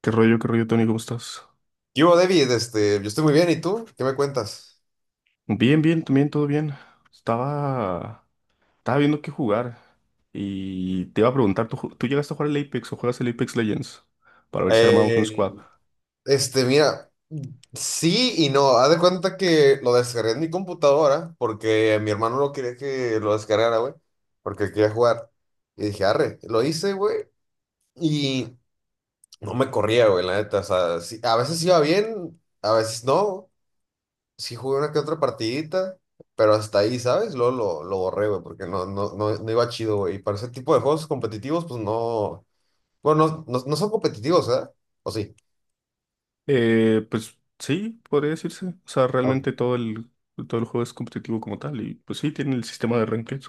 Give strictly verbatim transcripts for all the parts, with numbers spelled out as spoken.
¿Qué rollo, qué rollo, Tony? ¿Cómo estás? ¿Qué hubo, David? Este, yo estoy muy bien, ¿y tú? ¿Qué me cuentas? Bien, bien, también todo bien. Estaba, estaba viendo qué jugar y te iba a preguntar, ¿tú, ju- tú llegaste a jugar el Apex o juegas el Apex Legends? Para ver si armamos un Eh, squad. este, mira, sí y no. Haz de cuenta que lo descargué en mi computadora porque mi hermano no quería que lo descargara, güey, porque quería jugar. Y dije, arre, lo hice, güey, y no me corría, güey, la neta. O sea, sí- a veces iba bien, a veces no. Sí jugué una que otra partidita, pero hasta ahí, ¿sabes? Luego lo, lo borré, güey, porque no, no, no, no iba chido, güey. Y para ese tipo de juegos competitivos, pues no. Bueno, no, no, no son competitivos, ¿eh? ¿O sí? Eh, pues sí, podría decirse. O sea, Ok. realmente todo el, todo el juego es competitivo como tal y pues sí, tiene el sistema de ranked.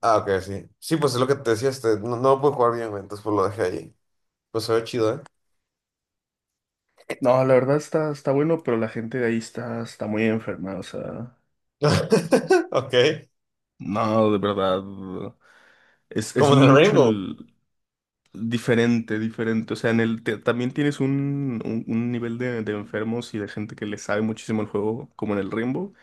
Ah, ok, sí. Sí, pues es lo que te decía, este, no, no lo pude jugar bien, güey, entonces pues lo dejé ahí. Pues se ve chido, ¿eh? No, la verdad está, está bueno, pero la gente de ahí está, está muy enferma, o sea. Ok. No, de verdad. Es, es Como en el mucho Rainbow. el. Diferente, diferente. O sea, en el te- también tienes un, un, un nivel de, de enfermos y de gente que le sabe muchísimo el juego, como en el Rainbow.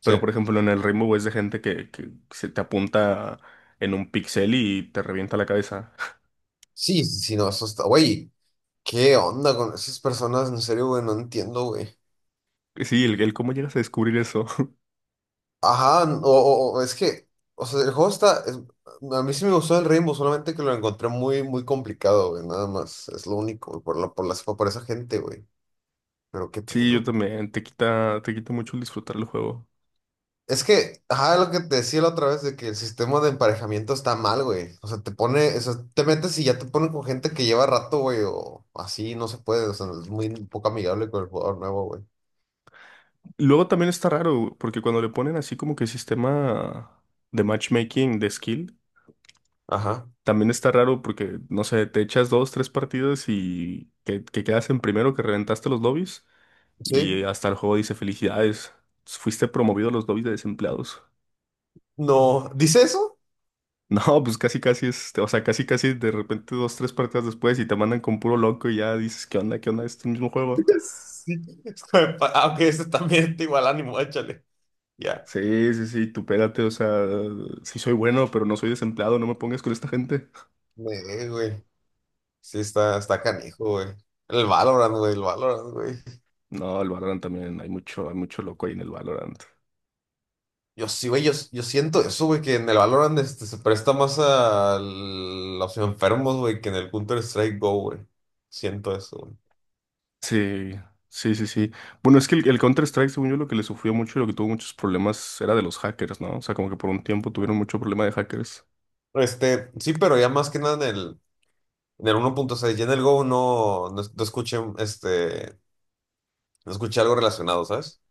Sí. Pero, por ejemplo, en el Rainbow es de gente que, que se te apunta en un pixel y te revienta la cabeza. Sí, sí, sí, no, eso está. Güey, ¿qué onda con esas personas? En serio, güey, no entiendo, güey. Sí, el, el cómo llegas a descubrir eso. Ajá, o, o- o es que, o sea, el juego está. es- a mí sí me gustó el Rainbow, solamente que lo encontré muy, muy complicado, güey, nada más. Es lo único, güey, por la, por las, por esa gente, güey. Pero qué Sí, yo pedo. también. Te quita, te quita mucho el disfrutar el juego. Es que, ajá, lo que te decía la otra vez de que el sistema de emparejamiento está mal, güey. O sea, te pone, o sea, te metes y ya te ponen con gente que lleva rato, güey, o así, no se puede, o sea, es muy poco amigable con el jugador nuevo, güey. Luego también está raro, porque cuando le ponen así como que sistema de matchmaking de skill. Ajá. También está raro porque, no sé, te echas dos, tres partidas y que, que quedas en primero, que reventaste los lobbies Sí. y hasta el juego dice felicidades, fuiste promovido a los lobbies de desempleados. No, ¿dice eso? No, pues casi casi es, o sea, casi casi de repente dos, tres partidas después y te mandan con puro loco y ya dices, ¿qué onda? ¿Qué onda? Es el mismo juego. Sí. Aunque ese también está igual ánimo, échale. Ya. Sí, sí, sí, tú pégate, o sea, sí soy bueno, pero no soy desempleado, no me pongas con esta gente. Eh, güey. Sí, está, está canijo, güey. El Valorant, güey, el Valorant, güey. No, el Valorant también, hay mucho, hay mucho loco ahí en el Valorant. Yo sí, güey, yo, yo siento eso, güey, que en el Valorant este, se presta más a los enfermos, güey, que en el Counter-Strike Go, güey. Siento eso, Sí, sí, sí, sí. Bueno, es que el, el Counter-Strike, según yo, lo que le sufrió mucho y lo que tuvo muchos problemas era de los hackers, ¿no? O sea, como que por un tiempo tuvieron mucho problema de hackers. güey. Este, sí, pero ya más que nada en el, en el uno punto seis ya en el Go no, no, es- no escuché, este, no escuché algo relacionado, ¿sabes?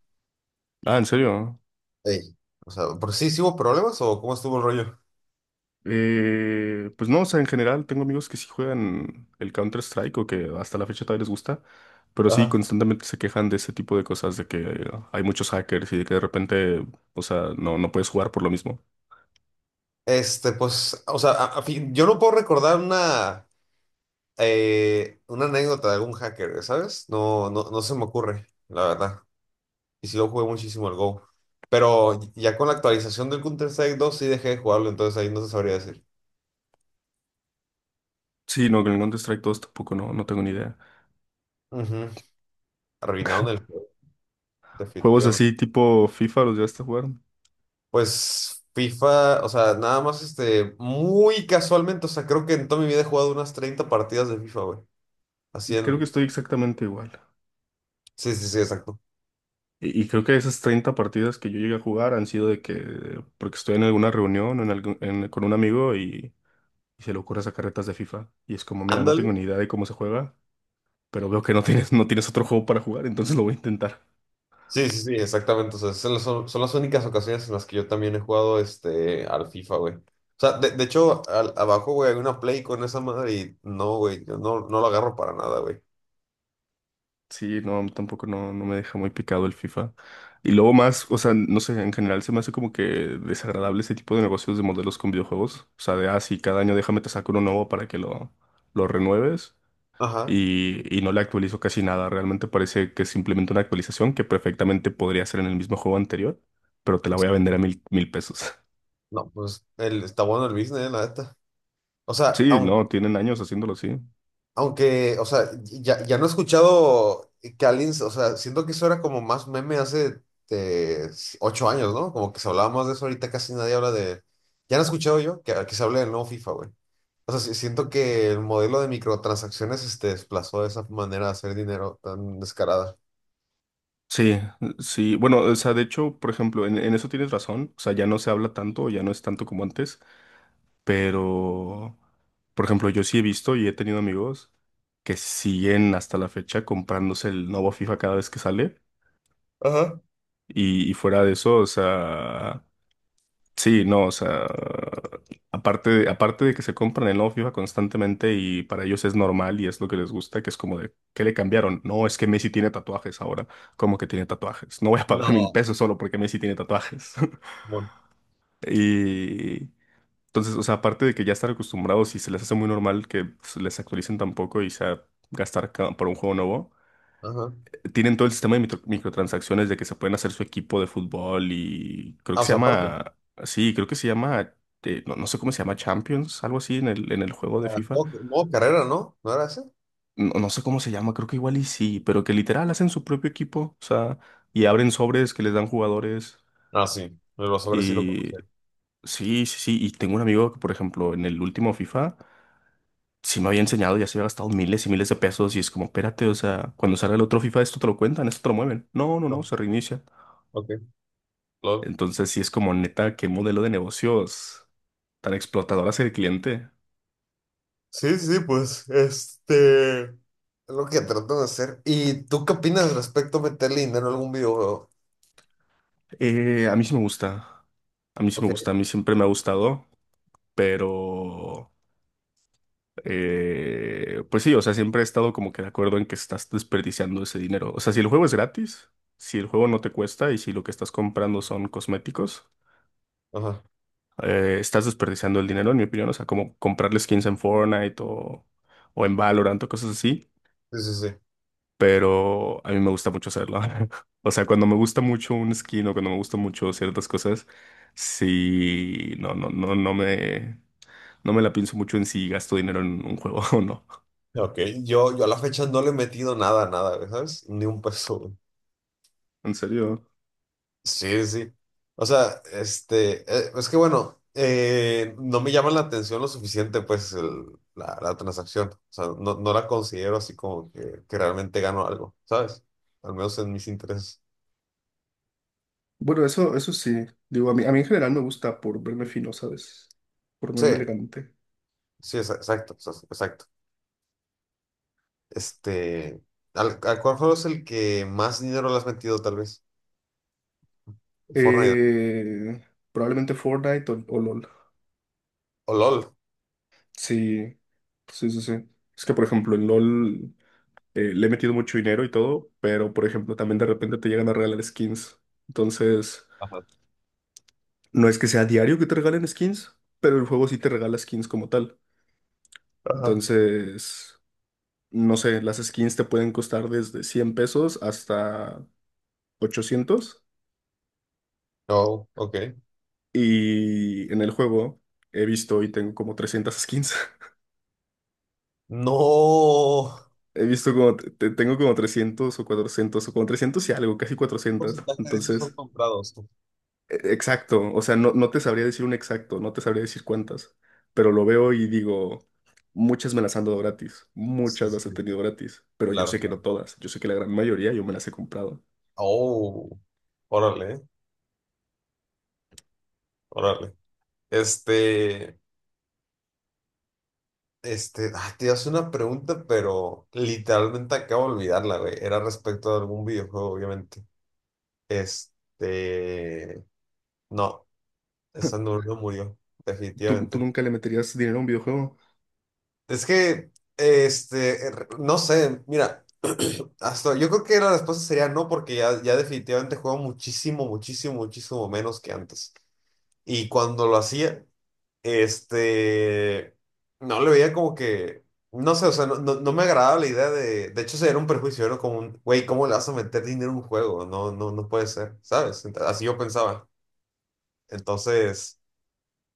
Ah, ¿en serio? Ey. O sea, ¿pero sí, sí hubo problemas o cómo estuvo el rollo? Eh, pues no, o sea, en general tengo amigos que sí juegan el Counter-Strike o que hasta la fecha todavía les gusta, pero sí Ajá. constantemente se quejan de ese tipo de cosas, de que eh, hay muchos hackers y de que de repente, o sea, no, no puedes jugar por lo mismo. Este, pues, o sea, a- a fin- yo no puedo recordar una, eh, una anécdota de algún hacker, ¿sabes? No, no, no se me ocurre, la verdad. Y sí lo jugué muchísimo el Go. Pero ya con la actualización del Counter-Strike dos sí dejé de jugarlo, entonces ahí no se sabría decir. Sí, no, con el Counter-Strike dos tampoco, no, no tengo ni idea. Ujú. Arruinaron el juego, Juegos definitivamente. así tipo FIFA, ¿los ya a jugar? Pues FIFA, o sea, nada más este, muy casualmente, o sea, creo que en toda mi vida he jugado unas treinta partidas de FIFA, güey. Así Creo que en... estoy exactamente igual. Sí, sí, sí, exacto. Y, y creo que esas treinta partidas que yo llegué a jugar han sido de que, porque estoy en alguna reunión o en algún- en- con un amigo y, y se le ocurre sacar retas de FIFA. Y es como, mira, no Ándale. tengo ni idea de cómo se juega, pero veo que no tienes, no tienes otro juego para jugar, entonces lo voy a intentar. Sí, sí, sí, exactamente. O sea, son, son- son las únicas ocasiones en las que yo también he jugado este, al FIFA, güey. O sea, de, de hecho, al- abajo, güey, hay una Play con esa madre y no, güey, yo no, no lo agarro para nada, güey. Sí, no, tampoco no, no me deja muy picado el FIFA. Y luego No. más, o sea, no sé, en general se me hace como que desagradable ese tipo de negocios de modelos con videojuegos. O sea, de, ah, sí, cada año déjame te saco uno nuevo para que lo, lo renueves. Ajá. Y, y no le actualizo casi nada. Realmente parece que es simplemente una actualización que perfectamente podría ser en el mismo juego anterior, pero te la Sí. voy a vender a mil, mil pesos. No, pues el, está bueno el business, la neta. O sea, Sí, aun- no, tienen años haciéndolo así. aunque, o sea, ya, ya no he escuchado que alguien, o sea, siento que eso era como más meme hace eh, ocho años, ¿no? Como que se hablaba más de eso ahorita, casi nadie habla de... Ya no he escuchado yo que, que se hable del nuevo FIFA, güey. O sea, sí- siento que el modelo de microtransacciones este, desplazó esa manera de hacer dinero tan descarada. Sí, sí. Bueno, o sea, de hecho, por ejemplo, en, en eso tienes razón. O sea, ya no se habla tanto, ya no es tanto como antes, pero, por ejemplo, yo sí he visto y he tenido amigos que siguen hasta la fecha comprándose el nuevo FIFA cada vez que sale. Ajá. Y, y fuera de eso, o sea, sí, no, o sea, aparte de, aparte de que se compran el nuevo FIFA constantemente y para ellos es normal y es lo que les gusta, que es como de, ¿qué le cambiaron? No, es que Messi tiene tatuajes ahora. ¿Cómo que tiene tatuajes? No voy a pagar mil No. pesos solo porque Messi tiene tatuajes. Bueno. Y entonces, o sea, aparte de que ya estar acostumbrados y se les hace muy normal que pues, les actualicen tampoco y sea gastar ca- por un juego nuevo, Ajá. tienen todo el sistema de mitro- microtransacciones de que se pueden hacer su equipo de fútbol y creo Ah, que o se sea, aparte, llama, sí, creo que se llama, eh, no, no sé cómo se llama, Champions, algo así en el, en el juego de ah, FIFA. modo modo carrera, ¿no? ¿No era ese? No, no sé cómo se llama, creo que igual y sí, pero que literal hacen su propio equipo, o sea, y abren sobres que les dan jugadores. Ah, sí, de los sobres sí lo Y conocía. sí, sí, sí, y tengo un amigo que, por ejemplo, en el último FIFA, sí me había enseñado, ya se había gastado miles y miles de pesos y es como, espérate, o sea, cuando salga el otro FIFA, esto te lo cuentan, esto te lo mueven. No, no, No, no, se reinicia. ok, lol. Entonces, sí es como neta, qué modelo de negocios tan explotador hacia el cliente. Sí, sí, sí, pues, este, es lo que trato de hacer. ¿Y tú qué opinas respecto a meterle dinero a algún videojuego? Eh, a mí sí me gusta. A mí sí me Ok, gusta. A mí siempre me ha gustado, pero eh, pues sí, o sea, siempre he estado como que de acuerdo en que estás desperdiciando ese dinero. O sea, si el juego es gratis, si el juego no te cuesta y si lo que estás comprando son cosméticos, ajá, eh, estás desperdiciando el dinero, en mi opinión. O sea, como comprarle skins en Fortnite o, o en Valorant o cosas así. sí, sí, sí. Pero a mí me gusta mucho hacerlo. O sea, cuando me gusta mucho un skin o cuando me gusta mucho ciertas cosas, sí, no, no, no, no me, no me la pienso mucho en si gasto dinero en un juego o no. Ok, yo, yo a la fecha no le he metido nada, nada, ¿sabes? Ni un peso. En serio. Sí, sí. O sea, este, eh, es que bueno, eh, no me llama la atención lo suficiente, pues, el- la, la transacción. O sea, no, no la considero así como que, que realmente gano algo, ¿sabes? Al menos en mis intereses. Bueno, eso, eso sí. Digo, a mí, a mí en general me gusta por verme fino, ¿sabes? Por Sí, verme elegante. sí, exa- exacto, o sea, exacto. Este, ¿al, al cuál juego es el que más dinero le has metido, tal vez? Fortnite Eh, Probablemente Fortnite o, o LOL. o LOL. Sí, sí, sí, sí. Es que, por ejemplo, en LOL. Eh, le he metido mucho dinero y todo, pero por ejemplo, también de repente te llegan a regalar skins. Entonces, Ajá. no es que sea diario que te regalen skins, pero el juego sí te regala skins como tal. Ajá. Entonces, no sé, las skins te pueden costar desde cien pesos hasta ochocientos. No, ok. Y en el juego he visto y tengo como trescientas skins. No. He visto como, te- tengo como trescientos o cuatrocientos o como trescientos y algo, casi ¿Qué cuatrocientas. porcentaje de esos son Entonces… comprados? E- Exacto, o sea, no, no te sabría decir un exacto, no te sabría decir cuántas, pero lo veo y digo, muchas me las han dado gratis, Sí, muchas sí, las he sí, tenido gratis, pero yo claro. sé que no Claro. todas, yo sé que la gran mayoría yo me las he comprado. Oh, órale, órale. Este, este, ah, te hace una pregunta, pero literalmente acabo de olvidarla, güey. Era respecto a algún videojuego, obviamente. Este, no, esa no, no murió, ¿Tú, tú definitivamente. nunca le meterías dinero a un videojuego? Es que, este, er, no sé, mira, hasta yo creo que la respuesta sería no, porque ya, ya definitivamente juego muchísimo, muchísimo, muchísimo menos que antes. Y cuando lo hacía. Este, no le veía como que, no sé, o sea, no, no, no me agradaba la idea de, de hecho, sería un perjuicio, era como un, güey, ¿cómo le vas a meter dinero a un juego? No, no, no puede ser, ¿sabes? Ent- Así yo pensaba. Entonces,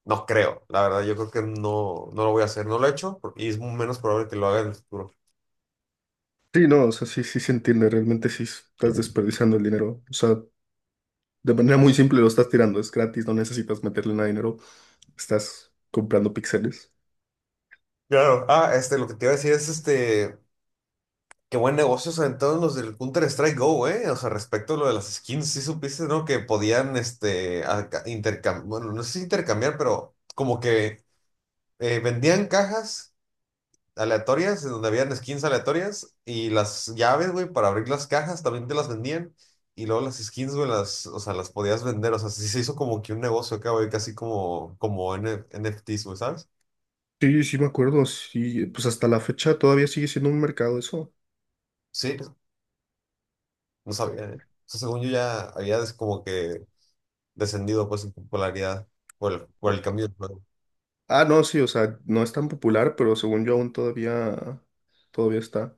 no creo, la verdad, yo creo que no, no lo voy a hacer, no lo he hecho por- y es menos probable que lo haga en el futuro. Sí, no, o sea, sí, sí se entiende, realmente sí estás desperdiciando el dinero, o sea, de manera muy simple lo estás tirando, es gratis, no necesitas meterle nada de dinero, estás comprando píxeles. Claro, ah, este, lo que te iba a decir es este. Qué buen negocio se aventaron los del Counter-Strike Go, eh. O sea, respecto a lo de las skins, sí supiste, ¿no? Que podían, este, intercambiar, bueno, no sé si intercambiar, pero como que eh, vendían cajas aleatorias en donde habían skins aleatorias y las llaves, güey, para abrir las cajas también te las vendían. Y luego las skins, güey, las, o sea, las podías vender. O sea, sí se hizo como que un negocio acá, güey, casi como, como N NFTs, güey, ¿sabes? Sí, sí me acuerdo, sí, pues hasta la fecha todavía sigue siendo un mercado eso. Sí, no sabía, ¿eh? O sea, según yo ya había des- como que descendido pues en popularidad por el, por el cambio del juego. Ah, no, sí, o sea, no es tan popular, pero según yo aún todavía, todavía está.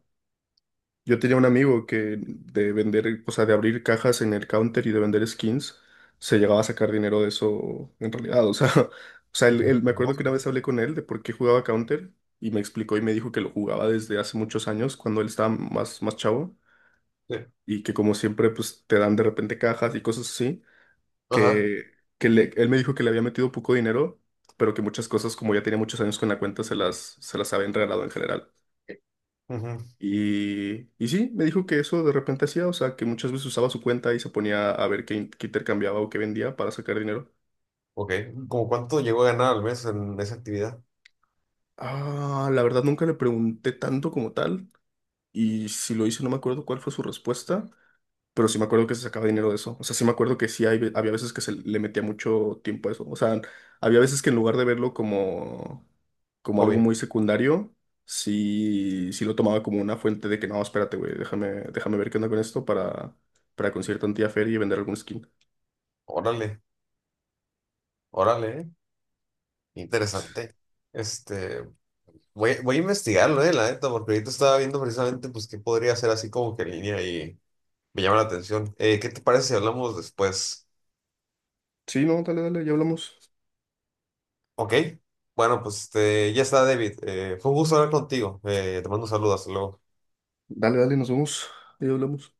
Yo tenía un amigo que de vender, o sea, de abrir cajas en el counter y de vender skins, se llegaba a sacar dinero de eso en realidad. O sea, o sea, Pues, él- por él- me acuerdo que negocio, una pues. vez hablé con él de por qué jugaba counter y me explicó y me dijo que lo jugaba desde hace muchos años, cuando él estaba más, más chavo, Sí. y que como siempre, pues te dan de repente cajas y cosas así Ajá. que, que le- él me dijo que le había metido poco dinero, pero que muchas cosas, como ya tenía muchos años con la cuenta, se las, se las había regalado en general. Ujú. Y, y sí, me dijo que eso de repente hacía, o sea, que muchas veces usaba su cuenta y se ponía a ver qué, in- qué intercambiaba o qué vendía para sacar dinero. Ok. ¿Cómo cuánto llegó a ganar al mes en esa actividad? Ah, la verdad nunca le pregunté tanto como tal, y si lo hice no me acuerdo cuál fue su respuesta, pero sí me acuerdo que se sacaba dinero de eso. O sea, sí me acuerdo que sí hay ve- había veces que se le metía mucho tiempo a eso. O sea, había veces que en lugar de verlo como, como algo Hobby. muy secundario, sí, sí lo tomaba como una fuente de que no, espérate, güey, déjame, déjame ver qué onda con esto para, para conseguir tantía feria y vender algún skin. Órale, órale, ¿eh? Interesante. Este, voy, voy a investigarlo, eh, la neta, porque ahorita estaba viendo precisamente pues qué podría hacer así como que en línea y me llama la atención. Eh, ¿qué te parece si hablamos después? Sí, no, dale, dale, ya hablamos. Ok. Bueno, pues este, ya está, David. Eh, fue un gusto hablar contigo. Eh, te mando un saludo. Hasta luego. Dale, dale, nos vemos. Ya hablamos.